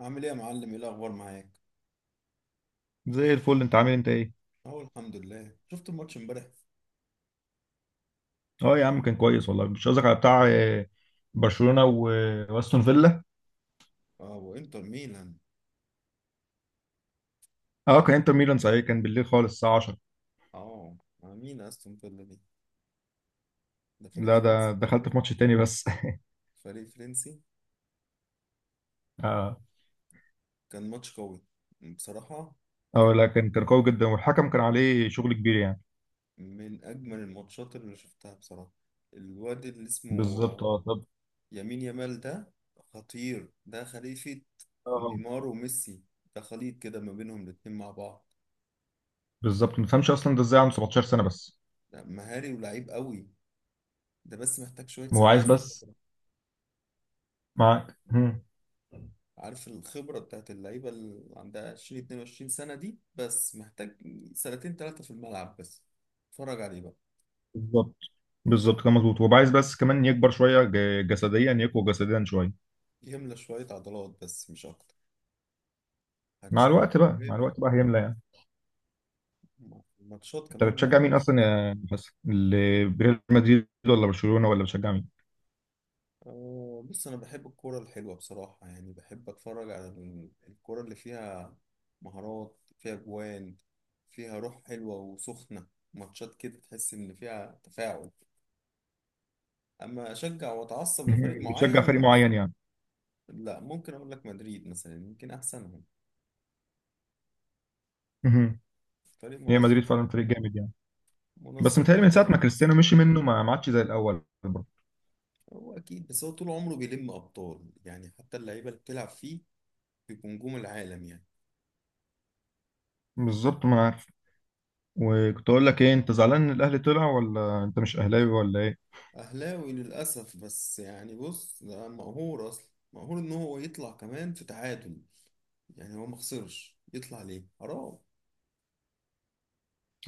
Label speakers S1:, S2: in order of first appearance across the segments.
S1: عامل ايه يا معلم؟ ايه الاخبار معاك؟
S2: زي الفل، انت عامل، انت ايه؟
S1: اه، الحمد لله. شفت الماتش امبارح.
S2: اه يا عم كان كويس والله. مش قصدك على بتاع برشلونة واستون فيلا.
S1: اه، وانتر ميلان.
S2: اه كان انتر ميلان صحيح، كان بالليل خالص الساعة 10.
S1: اه، مع مين استون فيلا دي؟ ده فريق
S2: لا، ده
S1: فرنسي
S2: دخلت في
S1: تقريبا.
S2: ماتش تاني بس.
S1: فريق فرنسي.
S2: اه.
S1: كان ماتش قوي بصراحة.
S2: اه لا، كان قوي جدا، والحكم كان عليه شغل كبير يعني.
S1: من اجمل الماتشات اللي شفتها بصراحة. الواد اللي اسمه
S2: بالظبط اه. طب
S1: يمين يامال ده خطير. ده خليفة
S2: اه،
S1: نيمار وميسي. ده خليط كده ما بينهم الاتنين مع بعض.
S2: بالظبط. ما تفهمش اصلا ده ازاي عنده 17 سنة بس.
S1: ده مهاري ولعيب قوي. ده بس محتاج شوية
S2: هو عايز
S1: ثبات.
S2: بس، معاك. مم.
S1: عارف الخبرة بتاعت اللعيبة اللي عندها 20 22 سنة دي، بس محتاج سنتين ثلاثة في الملعب بس. اتفرج عليه بقى.
S2: بالظبط، بالظبط. كان مظبوط، وهو عايز بس كمان يكبر شوية جسديا، يقوى جسديا شوية.
S1: يملى شوية عضلات بس مش أكتر.
S2: مع
S1: هتشوف
S2: الوقت بقى، مع
S1: موهبة.
S2: الوقت بقى هيملى يعني.
S1: مع الماتشات
S2: انت
S1: كمان مع
S2: بتشجع مين اصلا
S1: برشلونة.
S2: يا حسن؟ ريال مدريد ولا برشلونة، ولا بتشجع مين؟
S1: بص، أنا بحب الكورة الحلوة بصراحة، يعني بحب أتفرج على الكورة اللي فيها مهارات، فيها جوان، فيها روح حلوة وسخنة. ماتشات كده تحس إن فيها تفاعل، أما أشجع وأتعصب
S2: مهم.
S1: لفريق
S2: مش بتشجع فريق
S1: معين،
S2: معين يعني.
S1: لا. ممكن اقول لك مدريد مثلا، يمكن احسنهم.
S2: مهم.
S1: فريق
S2: هي
S1: منظم.
S2: مدريد فعلا فريق جامد يعني، بس
S1: منظم
S2: متهيألي من ساعة ما
S1: واداري.
S2: كريستيانو مشي منه ما عادش زي الاول برضه.
S1: هو اكيد، بس هو طول عمره بيلم ابطال، يعني حتى اللعيبه اللي بتلعب فيه بيبقوا نجوم العالم يعني.
S2: بالظبط، ما عارف. وكنت اقول لك ايه، انت زعلان ان الاهلي طلع، ولا انت مش اهلاوي ولا ايه؟
S1: اهلاوي للاسف، بس يعني بص، ده مقهور اصلا. مقهور ان هو يطلع كمان في تعادل. يعني هو ما خسرش، يطلع ليه؟ حرام.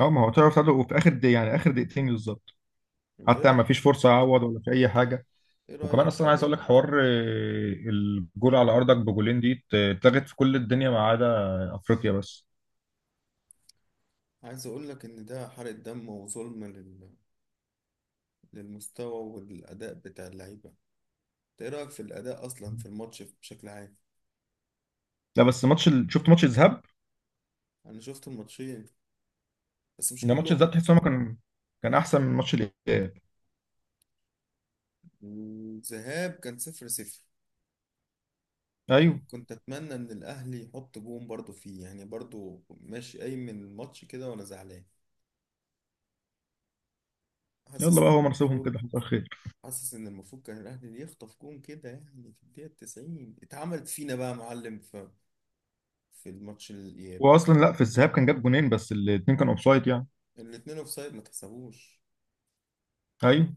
S2: اه، ما هو طلع تعادل وفي اخر دقيقة، يعني اخر دقيقتين بالظبط.
S1: انت ايه
S2: حتى ما
S1: رايك؟
S2: فيش فرصة يعوض ولا في اي حاجة.
S1: ايه
S2: وكمان
S1: رايك في
S2: اصلا عايز اقول
S1: اداء؟
S2: لك حوار، الجول على ارضك بجولين دي اتلغت في كل الدنيا ما عدا افريقيا بس.
S1: عايز اقول لك ان ده حرق دم وظلم للمستوى والاداء بتاع اللعيبه. انت ايه رايك في الاداء اصلا في الماتش بشكل عام؟
S2: لا بس ماتش شفت ماتش الذهاب.
S1: انا شفت الماتشين بس مش
S2: ده ماتش الذهاب
S1: كلهم.
S2: تحس إن هو كان، كان احسن من ماتش الاياب.
S1: الذهاب كان 0-0. يعني
S2: ايوه.
S1: كنت اتمنى ان الاهلي يحط جون برضو فيه، يعني برضو ماشي قايم من الماتش كده وانا زعلان.
S2: يلا
S1: حاسس
S2: بقى،
S1: ان
S2: هو نصيبهم
S1: المفروض.
S2: كده، حصل خير.
S1: حاسس ان المفروض كان الاهلي يخطف جون كده، يعني في الدقيقة 90 اتعملت فينا بقى يا معلم في الماتش الاياب.
S2: هو اصلا لا، في الذهاب كان جاب جونين بس الاثنين كانوا اوفسايد يعني.
S1: الاتنين اوفسايد، ما تحسبوش.
S2: ايوه.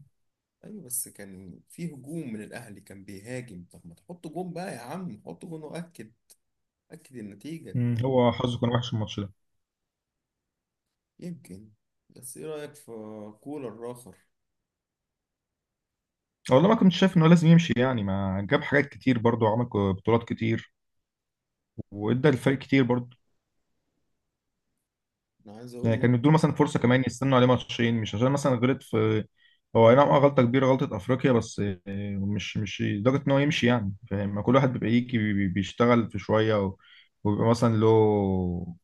S1: ايوه، بس كان في هجوم من الاهلي، كان بيهاجم، طب ما تحط جون بقى يا عم، حط جون واكد. اكد النتيجة.
S2: مم. هو حظه كان وحش الماتش ده.
S1: يمكن. بس ايه رأيك في كولر آخر؟
S2: والله ما كنت شايف ان هو لازم يمشي يعني، ما جاب حاجات كتير برضه، وعمل بطولات كتير، وادى الفريق كتير برضه.
S1: انا عايز
S2: يعني
S1: اقول
S2: كان
S1: لك.
S2: يدوا مثلا فرصه كمان، يستنوا عليه ماتشين، مش عشان مثلا غلط في، هو اي نعم آه، غلطه كبيره، غلطه افريقيا، بس مش لدرجه ان هو يمشي يعني، فاهم؟ ما كل واحد بيبقى يجي بيشتغل في شويه، وبيبقى مثلا له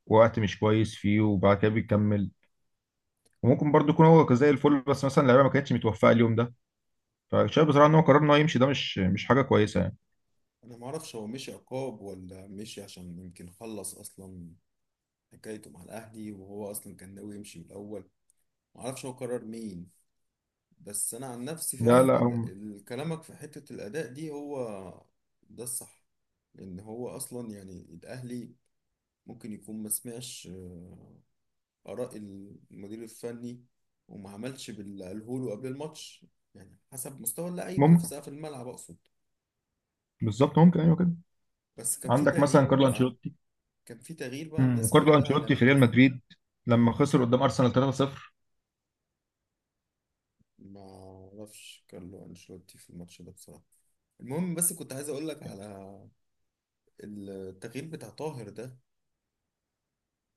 S2: وقت مش كويس فيه، وبعد كده بيكمل. وممكن برضه يكون هو كان زي الفل، بس مثلا اللعيبه ما كانتش متوفقه اليوم ده. فشايف بصراحه ان هو قرار ان هو يمشي ده مش حاجه كويسه يعني.
S1: انا ما اعرفش هو مشي عقاب ولا مشي عشان يمكن خلص اصلا حكايته مع الاهلي، وهو اصلا كان ناوي يمشي من الاول. ما اعرفش هو قرر مين. بس انا عن نفسي
S2: لا لا،
S1: فعلا كلامك في حتة الاداء دي هو ده الصح. لان هو اصلا يعني الاهلي ممكن يكون ما سمعش آراء المدير الفني، وما عملش باللي قاله له قبل الماتش. يعني حسب مستوى اللعيبة
S2: ممكن.
S1: نفسها في الملعب أقصد.
S2: بالظبط، ممكن ايوه كده.
S1: بس كان في
S2: عندك مثلا
S1: تغيير
S2: كارلو
S1: بقى.
S2: انشيلوتي.
S1: كان في تغيير بقى،
S2: مم،
S1: الناس
S2: وكارلو
S1: كلها
S2: انشيلوتي في
S1: لمتها.
S2: ريال مدريد لما خسر قدام ارسنال 3-0.
S1: ما أعرفش كارلو أنشيلوتي في الماتش ده بصراحة. المهم، بس كنت عايز أقول لك على التغيير بتاع طاهر ده.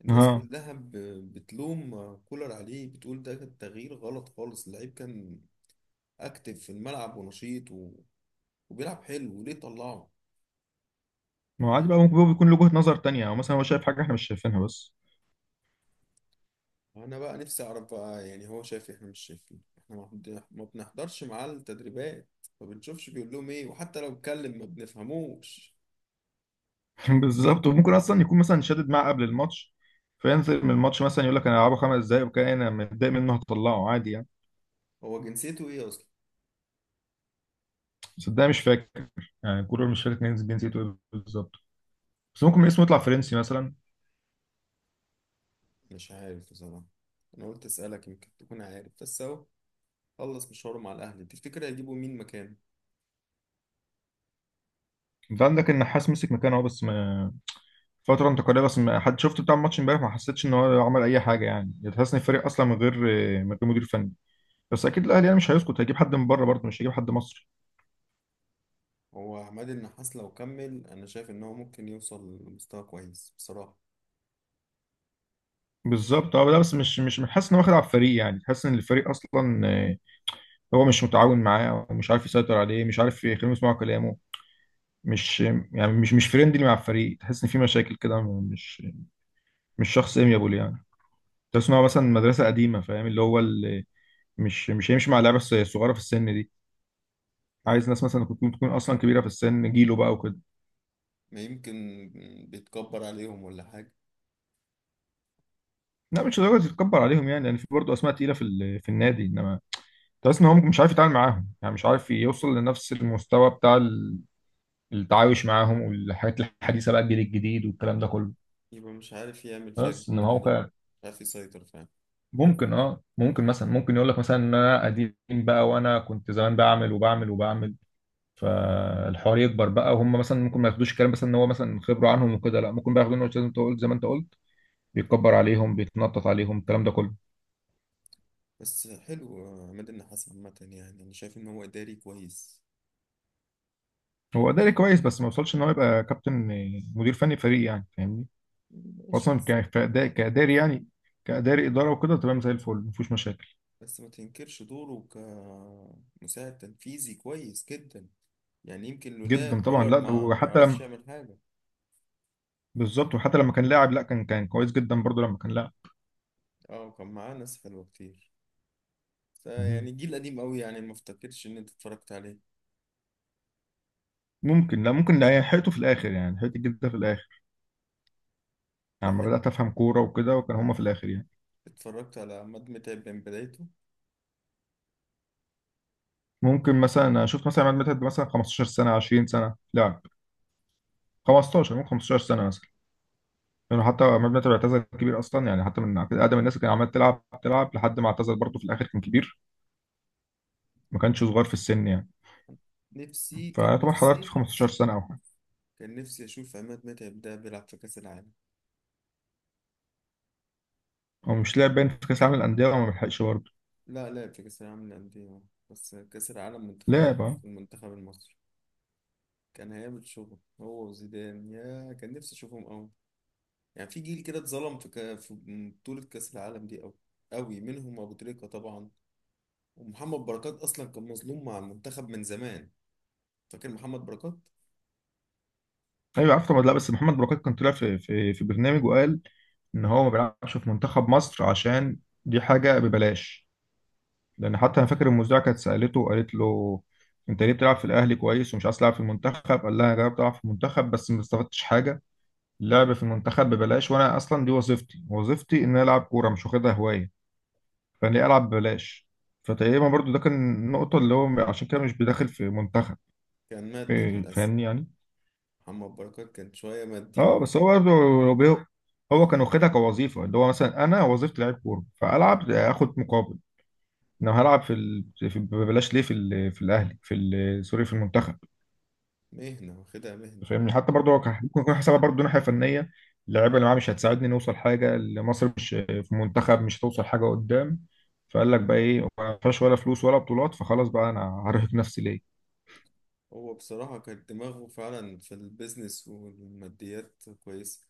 S1: الناس
S2: ها.
S1: كلها بتلوم كولر عليه، بتقول ده كان تغيير غلط خالص، اللعيب كان أكتف في الملعب ونشيط وبيلعب حلو، وليه طلعه؟
S2: ما هو عادي بقى، ممكن هو بيكون له وجهة نظر تانية، او مثلا هو شايف حاجة احنا مش شايفينها بس.
S1: انا بقى نفسي اعرف بقى، يعني هو شايف احنا مش شايفين. احنا ما بنحضرش معاه التدريبات، ما بنشوفش بيقول لهم ايه، وحتى لو اتكلم ما بنفهموش.
S2: بالظبط. وممكن اصلا يكون مثلا شادد معاه قبل الماتش، فينزل من الماتش مثلا يقول لك انا هلعبه خمس دقايق، وكان انا متضايق منه هطلعه عادي يعني.
S1: هو جنسيته ايه اصلا؟
S2: بس ده مش فاكر يعني الكورة، مش فاكر كان جنسيته ايه بالظبط، بس ممكن اسمه يطلع فرنسي مثلا.
S1: مش عارف بصراحة. انا قلت اسالك يمكن تكون عارف، بس اهو خلص مشواره مع الاهلي. تفتكر هيجيبوا مين مكانه؟
S2: انت عندك النحاس مسك مكانه اهو، بس ما، فترة انتقالية بس. ما حد شفت بتاع الماتش امبارح، ما حسيتش ان هو عمل اي حاجة يعني، يعني تحس ان الفريق اصلا من غير، من غير مدير فني. بس اكيد الاهلي يعني مش هيسكت، هيجيب حد من بره برضه، مش هيجيب حد مصري.
S1: هو عماد النحاس لو كمل انا شايف ان هو ممكن يوصل لمستوى كويس بصراحة.
S2: بالظبط اه. لا بس مش حاسس ان هو واخد على الفريق يعني، حاسس ان الفريق اصلا، هو مش متعاون معاه، ومش عارف يسيطر عليه، مش عارف يخليهم يسمعوا كلامه، مش يعني، مش فريندلي مع الفريق، تحس ان في مشاكل كده، مش مش شخص اميابول يعني. تحس ان هو مثلا مدرسه قديمه، فاهم اللي هو اللي، مش هيمشي مع اللعيبه الصغيره في السن دي. عايز ناس مثلا تكون اصلا كبيره في السن، جيله بقى وكده.
S1: ما يمكن بيتكبر عليهم ولا حاجة.
S2: لا مش لدرجه تتكبر عليهم يعني، يعني في برضه اسماء تقيله في في النادي، انما تحس ان هو مش عارف يتعامل معاهم يعني، مش عارف يوصل لنفس المستوى بتاع التعايش معاهم، والحاجات الحديثه بقى، الجيل الجديد والكلام ده كله.
S1: يبقى مش عارف يعمل فيها
S2: بس انما
S1: كبير
S2: هو
S1: عليهم.
S2: كان،
S1: مش عارف يسيطر فعلا.
S2: ممكن اه ممكن مثلا، ممكن يقول لك مثلا ان انا قديم بقى، وانا كنت زمان بعمل وبعمل وبعمل. فالحوار يكبر بقى، وهم مثلا ممكن ما ياخدوش الكلام مثلا ان هو مثلا خبره عنهم وكده، لا ممكن بقى ياخدوا انه لازم تقول زي ما انت قلت، بيتكبر عليهم، بيتنطط عليهم، الكلام ده كله.
S1: بس حلو، عماد النحاس عامة يعني أنا شايف إن هو إداري كويس.
S2: هو ده كويس، بس ما وصلش ان هو يبقى كابتن، مدير فني فريق يعني، فاهمني؟ هو
S1: ماشي،
S2: اصلا
S1: بس.
S2: كاداري يعني، كاداري، اداره وكده تمام زي الفل، مفيش مشاكل.
S1: بس ما تنكرش دوره كمساعد تنفيذي كويس جدا. يعني يمكن لولا
S2: جدا طبعا،
S1: كولر ما
S2: لا وحتى
S1: عرفش
S2: لما،
S1: يعمل حاجة.
S2: بالظبط، وحتى لما كان لاعب، لا كان، كان كويس جدا برضه لما كان لاعب.
S1: اه كان معاه ناس حلوة كتير، بس
S2: مهم.
S1: يعني جيل قديم قوي، يعني ما افتكرش إن أنت اتفرجت عليه.
S2: ممكن، لا ممكن، لا حيته في الاخر يعني، حيته جدا في الاخر. يعني لما
S1: لحقت
S2: بدات افهم كوره وكده، وكان هما في الاخر يعني.
S1: اتفرجت على عماد متعب من بدايته.
S2: ممكن مثلا شفت مثلا عماد متعب مثلا 15 سنه، 20 سنه لاعب. 15 ممكن، 15 سنه مثلا. لانه حتى عماد متعب اعتزل كبير اصلا يعني، حتى من اقدم الناس اللي كان عمال تلعب تلعب لحد ما اعتزل، برضه في الاخر كان كبير، ما كانش صغير في السن يعني.
S1: نفسي كان
S2: فيعتبر حضرت
S1: نفسي
S2: في 15 سنه او حاجه.
S1: كان نفسي أشوف عماد متعب ده بيلعب في كأس العالم.
S2: هو مش لاعب باين في كاس العالم للانديه، وما بيلحقش برضه.
S1: لا لعب في كأس العالم للأندية، بس كأس العالم منتخبات
S2: لاعب
S1: بقى،
S2: آه.
S1: في المنتخب المصري. كان هيعمل شغل هو وزيدان، يا كان نفسي أشوفهم أوي. يعني في جيل كده اتظلم في بطولة كأس العالم دي أوي أوي، منهم أبو تريكة طبعا، ومحمد بركات أصلا كان مظلوم مع المنتخب من زمان. فاكر محمد بركات؟
S2: ايوه عارف طبعا. لا بس محمد بركات كان طلع في في برنامج، وقال ان هو ما بيلعبش في منتخب مصر عشان دي حاجه ببلاش. لان حتى انا فاكر المذيعه كانت سالته وقالت له: انت ليه بتلعب في الاهلي كويس ومش عايز تلعب في المنتخب؟ قال لها: انا جربت العب في المنتخب بس ما استفدتش حاجه، اللعب في المنتخب ببلاش، وانا اصلا دي وظيفتي، وظيفتي ان انا العب كوره، مش واخدها هوايه، فانا ليه العب ببلاش؟ فتقريبا برضو ده كان النقطه اللي هو عشان كده مش بداخل في منتخب.
S1: كان مادي
S2: إيه،
S1: للأسف.
S2: فاهمني يعني؟
S1: محمد بركات كان شوية مادي.
S2: اه بس هو برضه، لو هو كان واخدها كوظيفه، اللي هو مثلا انا وظيفتي لعيب كوره، فالعب اخد مقابل، انا هلعب في, ال... في ببلاش ليه في في الاهلي في سوري، في المنتخب.
S1: مهنة، واخدها مهنة.
S2: فاهمني؟ حتى برضه هو كان ممكن يكون حسابها برضه ناحيه فنيه، اللعيبه اللي معاه مش هتساعدني نوصل حاجه، اللي مصر مش في المنتخب مش هتوصل حاجه قدام، فقال لك بقى ايه، ما فيهاش ولا فلوس ولا بطولات، فخلاص بقى انا هرهق نفسي ليه؟
S1: هو بصراحة كان دماغه فعلا في البيزنس والماديات كويسة.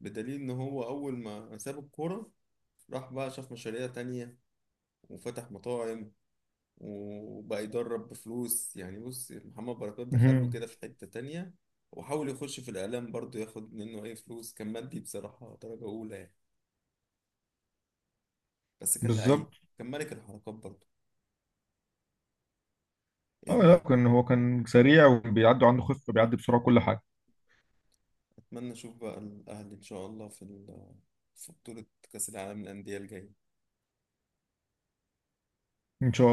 S1: بدليل إن هو أول ما ساب الكورة، راح بقى شاف مشاريع تانية، وفتح مطاعم، وبقى يدرب بفلوس. يعني بص، محمد بركات دخله كده
S2: مهم.
S1: في حتة تانية. وحاول يخش في الإعلام برضه، ياخد منه أي فلوس. كان مادي بصراحة درجة أولى يعني، بس كان لعيب.
S2: بالظبط
S1: كان ملك الحركات برضه.
S2: اه. لا
S1: يلا.
S2: كان هو كان سريع، وبيعدي عنده خفه، بيعدي بسرعه كل حاجه.
S1: أتمنى أشوف بقى الأهلي إن شاء الله في بطولة كأس العالم للأندية الجاية.
S2: ان شاء